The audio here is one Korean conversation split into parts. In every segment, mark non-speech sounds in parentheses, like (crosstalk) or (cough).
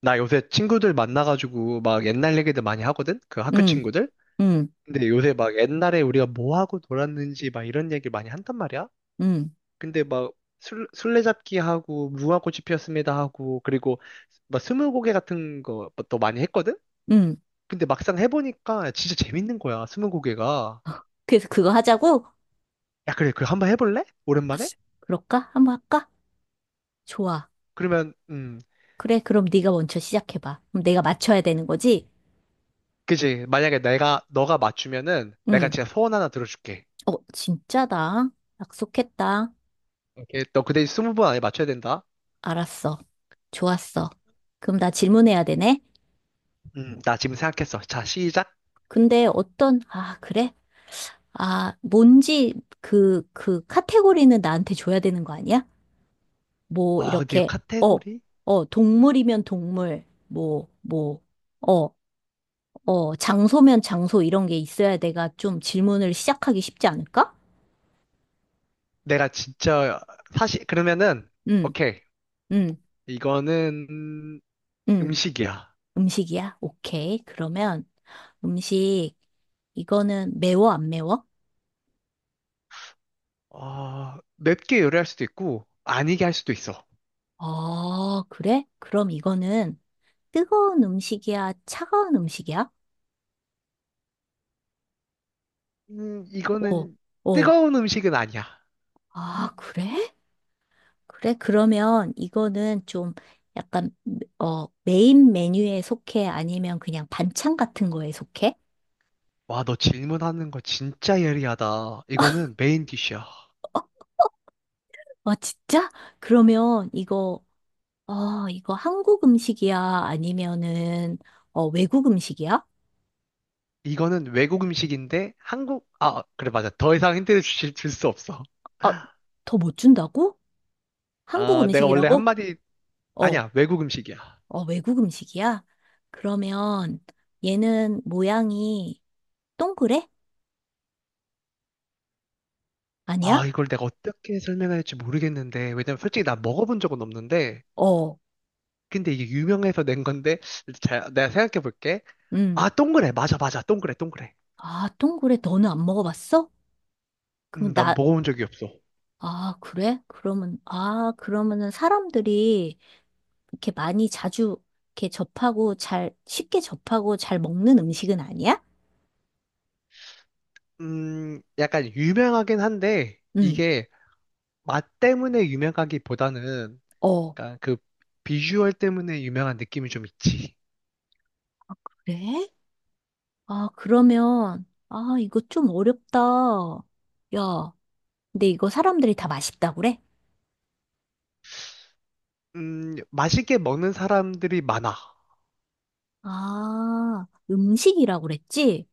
나 요새 친구들 만나가지고 막 옛날 얘기들 많이 하거든? 그 학교 응, 친구들? 응, 근데 요새 막 옛날에 우리가 뭐 하고 놀았는지 막 이런 얘기를 많이 한단 말이야? 응, 근데 막 술래잡기 하고 무궁화꽃이 피었습니다 하고 그리고 막 스무고개 같은 것도 많이 했거든? 응. 근데 막상 해보니까 진짜 재밌는 거야, 스무고개가. 그래서 그거 하자고? 야, 그래, 그 한번 해볼래? 오랜만에? 그럴까? 한번 할까? 좋아. 그러면, 음, 그래, 그럼 네가 먼저 시작해봐. 그럼 내가 맞춰야 되는 거지? 그지. 만약에 내가, 너가 맞추면은 내가 응. 진짜 소원 하나 들어줄게. 어, 진짜다. 약속했다. 오케이. 너 그 대신 20번 안에 맞춰야 된다. 알았어. 좋았어. 그럼 나 질문해야 되네? 나 지금 생각했어. 자, 시작. 근데 어떤, 아, 그래? 아, 뭔지 그 카테고리는 나한테 줘야 되는 거 아니야? 뭐, 아, 근데 이 이렇게, 어, 카테고리? 어, 동물이면 동물, 뭐, 어. 어, 장소면 장소 이런 게 있어야 내가 좀 질문을 시작하기 쉽지 않을까? 내가 진짜, 사실, 그러면은, 응, 오케이. 응, 이거는 응. 음식이야. 음식이야? 오케이. 그러면 음식, 이거는 매워, 안 매워? 어, 맵게 요리할 수도 있고, 아니게 할 수도 있어. 어, 그래? 그럼 이거는 뜨거운 음식이야? 차가운 음식이야? 어, 이거는 어. 뜨거운 음식은 아니야. 아, 그래? 그래? 그러면 이거는 좀 약간, 어, 메인 메뉴에 속해? 아니면 그냥 반찬 같은 거에 속해? 와, 너 질문하는 거 진짜 예리하다. 이거는 메인 디쉬야. 아, 진짜? 그러면 이거 아, 이거 한국 음식이야? 아니면은, 어, 외국 음식이야? 이거는 외국 음식인데, 한국, 아, 그래, 맞아. 더 이상 힌트를 줄 수 없어. 아, (laughs) 더 못 준다고? 한국 아, 내가 원래 음식이라고? 한마디, 어, 아니야, 외국 음식이야. 어, 외국 음식이야? 그러면 얘는 모양이 동그래? 아, 아니야? 이걸 내가 어떻게 설명해야 될지 모르겠는데, 왜냐면 솔직히 나 먹어본 적은 없는데, 어, 근데 이게 유명해서 낸 건데, 자, 내가 생각해 볼게. 음. 아, 동그래. 맞아, 맞아. 동그래, 동그래. 아, 동그래? 너는 안 먹어봤어? 그럼 난 나, 먹어본 적이 없어. 아, 그래? 그러면, 아, 그러면은 사람들이 이렇게 많이 자주 이렇게 접하고 잘, 쉽게 접하고 잘 먹는 음식은 아니야? 약간 유명하긴 한데, 응. 이게 맛 때문에 유명하기보다는, 어. 약간 그 비주얼 때문에 유명한 느낌이 좀 있지. 그래? 아, 그러면, 아, 이거 좀 어렵다. 야, 근데 이거 사람들이 다 맛있다고 그래? 맛있게 먹는 사람들이 많아. 아, 음식이라고 그랬지?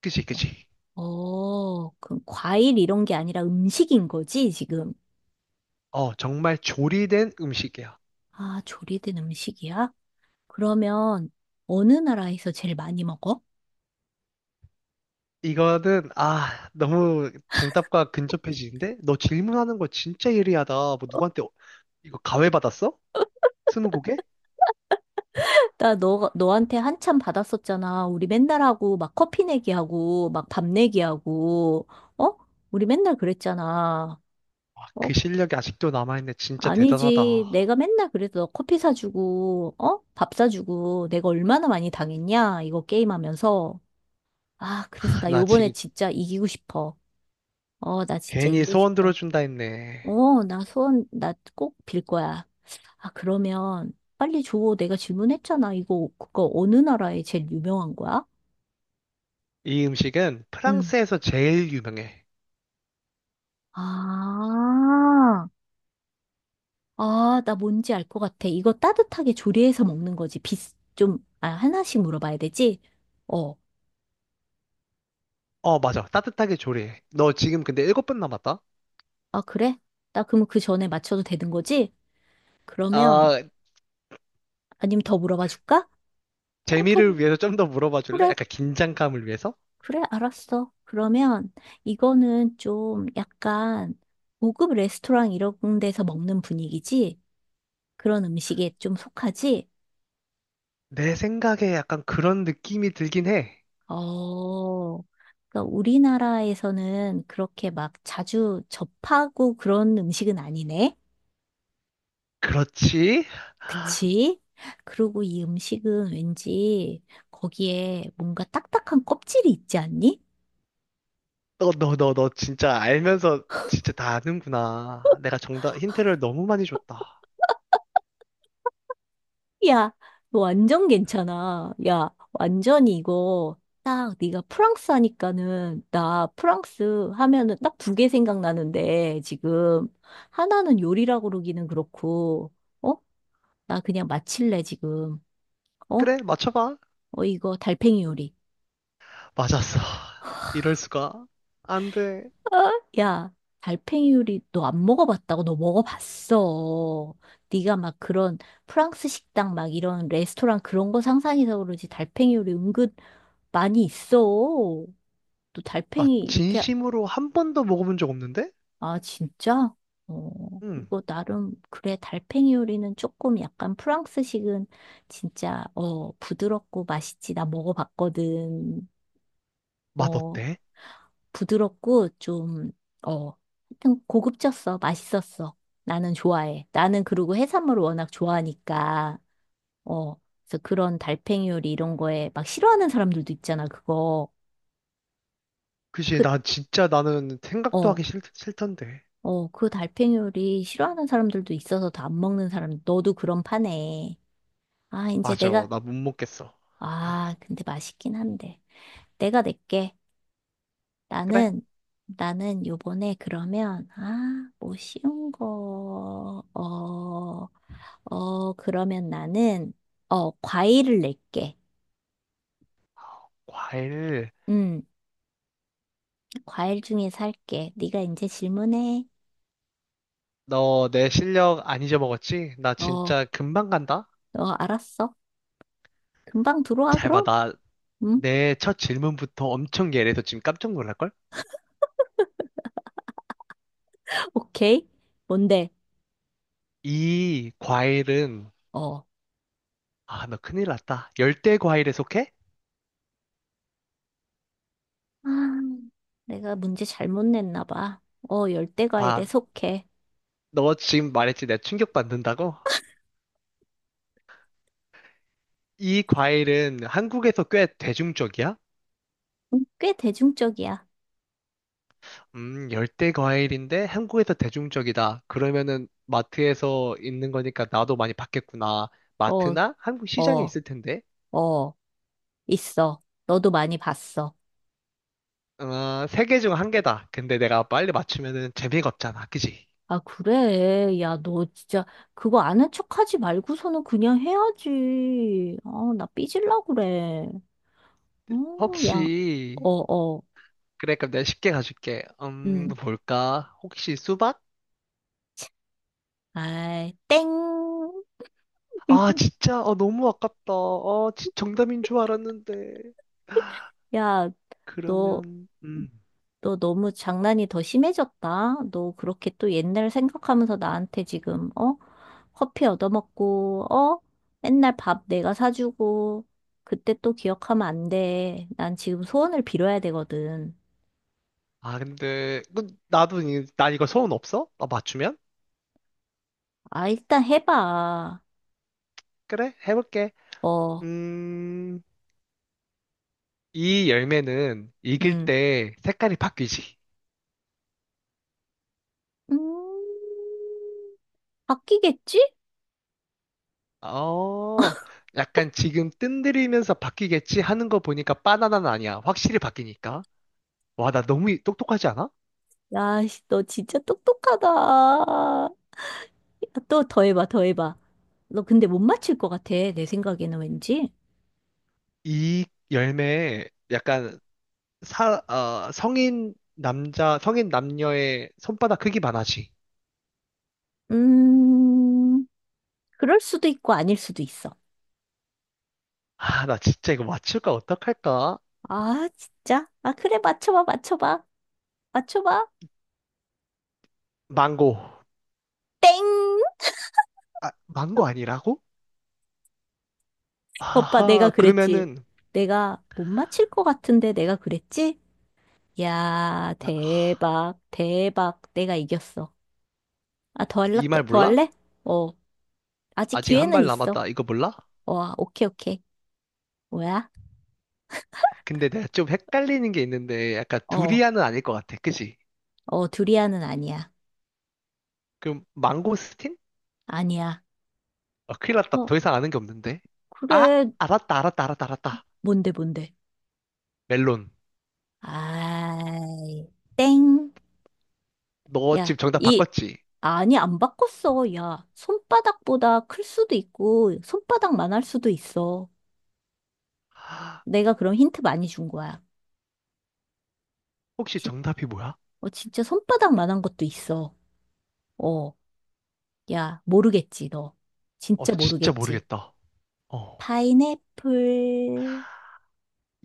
그치, 그치. 어, 그럼 과일 이런 게 아니라 음식인 거지, 지금? 어, 정말 조리된 음식이야. 아, 조리된 음식이야? 그러면 어느 나라에서 제일 많이 먹어? 이거는, 아, 너무 정답과 근접해지는데? 너 질문하는 거 진짜 예리하다. 뭐 누구한테 이거 가회 받았어? 스무고개? (laughs) 나 너한테 한참 받았었잖아. 우리 맨날 하고, 막 커피 내기하고, 막 밥 내기하고, 어? 우리 맨날 그랬잖아. 와, 어, 그 실력이 아직도 남아있네. 진짜 아니지. 대단하다. 내가 맨날 그래서 너 커피 사주고, 어? 밥 사주고, 내가 얼마나 많이 당했냐? 이거 게임하면서. 아, 그래서 나 나 요번에 지금 진짜 이기고 싶어. 어, 나 진짜 괜히 이기고 소원 싶어. 들어준다 했네. 어, 나 소원, 나 꼭 빌 거야. 아, 그러면 빨리 줘. 내가 질문했잖아. 이거, 그거 어느 나라에 제일 유명한 거야? 이 음식은 응. 프랑스에서 제일 유명해. 아, 아, 나 뭔지 알 것 같아. 이거 따뜻하게 조리해서 먹는 거지. 비, 좀, 아, 하나씩 물어봐야 되지? 어. 어, 맞아. 따뜻하게 조리해. 너 지금 근데 7분 남았다? 아, 그래? 나 그럼 그 전에 맞춰도 되는 거지? 그러면, 아, 아니면 더 물어봐 줄까? 어, 더, 재미를 물- 위해서 좀 더 물어봐 줄래? 그래, 약간 긴장감을 위해서? 그래, 알았어. 그러면, 이거는 좀 약간, 고급 레스토랑 이런 데서 먹는 분위기지? 그런 음식에 좀 속하지? 내 생각에 약간 그런 느낌이 들긴 해. 어, 그러니까 우리나라에서는 그렇게 막 자주 접하고 그런 음식은 아니네? 그렇지? 그치? 그리고 이 음식은 왠지 거기에 뭔가 딱딱한 껍질이 있지 않니? 너, 너, 너, 너 진짜 알면서 진짜 다 아는구나. 내가 정답, 힌트를 너무 많이 줬다. 야, 너 완전 괜찮아. 야, 완전히 이거 딱 네가 프랑스 하니까는 나 프랑스 하면은 딱 두 개 생각나는데 지금 하나는 요리라고 그러기는 그렇고 어? 나 그냥 마칠래 지금. 어? 그래, 맞춰봐. 어 이거 달팽이 요리. 맞았어. 이럴 수가. 안 돼. 어? 야, 달팽이 요리 너 안 먹어봤다고 너 먹어봤어. 네가 막 그런 프랑스 식당 막 이런 레스토랑 그런 거 상상해서 그러지 달팽이 요리 은근 많이 있어. 또 나 달팽이 이렇게 진심으로 한 번도 먹어본 적 없는데? 아 진짜? 어 응. 이거 나름 그래 달팽이 요리는 조금 약간 프랑스식은 진짜 어 부드럽고 맛있지. 나 먹어봤거든. 맛 어 어때? 부드럽고 좀어 하여튼 고급졌어. 맛있었어. 나는 좋아해. 나는 그리고 해산물을 워낙 좋아하니까 어 그래서 그런 달팽이 요리 이런 거에 막 싫어하는 사람들도 있잖아. 그거 그치, 그 나 진짜 나는 생각도 어. 하기 싫던데. 어, 그 달팽이요리 싫어하는 사람들도 있어서 다 안 먹는 사람, 너도 그런 파네. 아, 이제 맞아, 내가, 나 못 먹겠어. 아, 근데 맛있긴 한데. 내가 낼게. 그래? 나는, 나는 요번에 그러면, 아, 뭐 쉬운 거, 어, 어, 그러면 나는, 어, 과일을 낼게. 과일. 음, 과일 중에 살게. 네가 이제 질문해. 너 내 실력 안 잊어먹었지? 나 어, 어, 진짜 금방 간다? 알았어. 금방 들어와, 잘 봐, 그럼? 나 응? 내 첫 질문부터 엄청 예리해서 지금 깜짝 놀랄걸? (laughs) 오케이. 뭔데? 이 과일은, 어. 아, 너 큰일 났다. 열대 과일에 속해? 아, 내가 문제 잘못 냈나 봐. 어, 열대과일에 봐, 속해. 너 지금 말했지. 내가 충격받는다고? 이 과일은 한국에서 꽤 대중적이야? 꽤 대중적이야. 열대 과일인데 한국에서 대중적이다. 그러면은 마트에서 있는 거니까 나도 많이 봤겠구나. 어, 마트나 한국 시장에 어, 있을 텐데. 어, 있어. 너도 많이 봤어. 어, 3개 중 한 개다. 근데 내가 빨리 맞추면은 재미가 없잖아. 그지? 아, 그래. 야, 너 진짜 그거 아는 척하지 말고서는 그냥 해야지. 아, 나 삐질라 그래. 어, 야, 혹시, 어, 어, 그래, 그럼 내가 쉽게 가줄게. 응. 뭘까? 혹시 수박? 아이, 땡. 아, (laughs) 진짜? 아, 너무 아깝다. 아, 정답인 줄 알았는데. 야, 너 그러면, 너 너무 장난이 더 심해졌다. 너 그렇게 또 옛날 생각하면서 나한테 지금, 어? 커피 얻어먹고, 어? 맨날 밥 내가 사주고, 그때 또 기억하면 안 돼. 난 지금 소원을 빌어야 되거든. 아, 근데, 그, 나도, 난 이거 소원 없어? 아, 맞추면? 아, 일단 해봐. 그래, 해볼게. 어, 음, 이 열매는 익을 음. 때 색깔이 바뀌지. 음, 바뀌겠지? 어, 약간 지금 뜬들이면서 바뀌겠지 하는 거 보니까 바나나는 아니야. 확실히 바뀌니까. 와, 나 너무 똑똑하지 않아? 야, 씨, 너 진짜 똑똑하다. 야, 또 더 해봐, 더 해봐. 너 근데 못 맞힐 것 같아, 내 생각에는 왠지. 이 열매에 약간 성인 남자, 성인 남녀의 손바닥 크기만 하지. 음. 그럴 수도 있고 아닐 수도 있어. 아, 나 진짜 이거 맞출까 어떡할까? 아, 진짜? 아, 그래, 맞춰봐, 맞춰봐. 맞춰봐. 망고. 땡! 아, 망고 아니라고? 오빠, 내가 아하, 그랬지. 그러면은, 내가 못 맞힐 것 같은데 내가 그랬지? 야, 대박, 대박. 내가 이겼어. 아, 더 할래? 이 말 더 몰라? 할래? 어, 아직 아직 한 기회는 발 있어. 남았다. 이거 몰라? 와, 오케이, 오케이. 뭐야? 근데 내가 좀 헷갈리는 게 있는데, 약간 어, 두리안은 아닐 것 같아. 그지? 어, 두리안은 아니야. 그럼 망고스틴? 아니야. 아, 큰일 났다. 어, 더 이상 아는 게 없는데. 아, 그래. 알았다, 알았다, 알았다, 알았다. 뭔데, 뭔데? 멜론. 아, 땡. 너 지금 야, 정답 이, 바꿨지? 아니, 안 바꿨어. 야, 손바닥보다 클 수도 있고, 손바닥만 할 수도 있어. 아, 내가 그런 힌트 많이 준 거야. 혹시 진, 정답이 뭐야? 어, 진짜 손바닥만 한 것도 있어. 어, 야, 모르겠지, 너. 어, 진짜 나 진짜 모르겠지. 모르겠다. 어. 파인애플.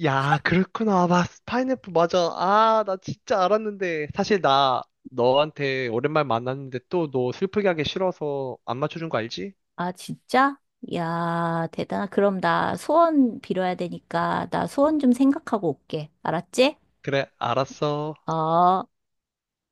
야, 그렇구나. 아, 파인애플 맞아. 아, 나 진짜 알았는데. 사실 나 너한테 오랜만에 만났는데 또 너 슬프게 하기 싫어서 안 맞춰준 거 알지? 아, 진짜? 야, 대단하. 그럼 나 소원 빌어야 되니까, 나 소원 좀 생각하고 올게. 알았지? 그래, 알았어. 어.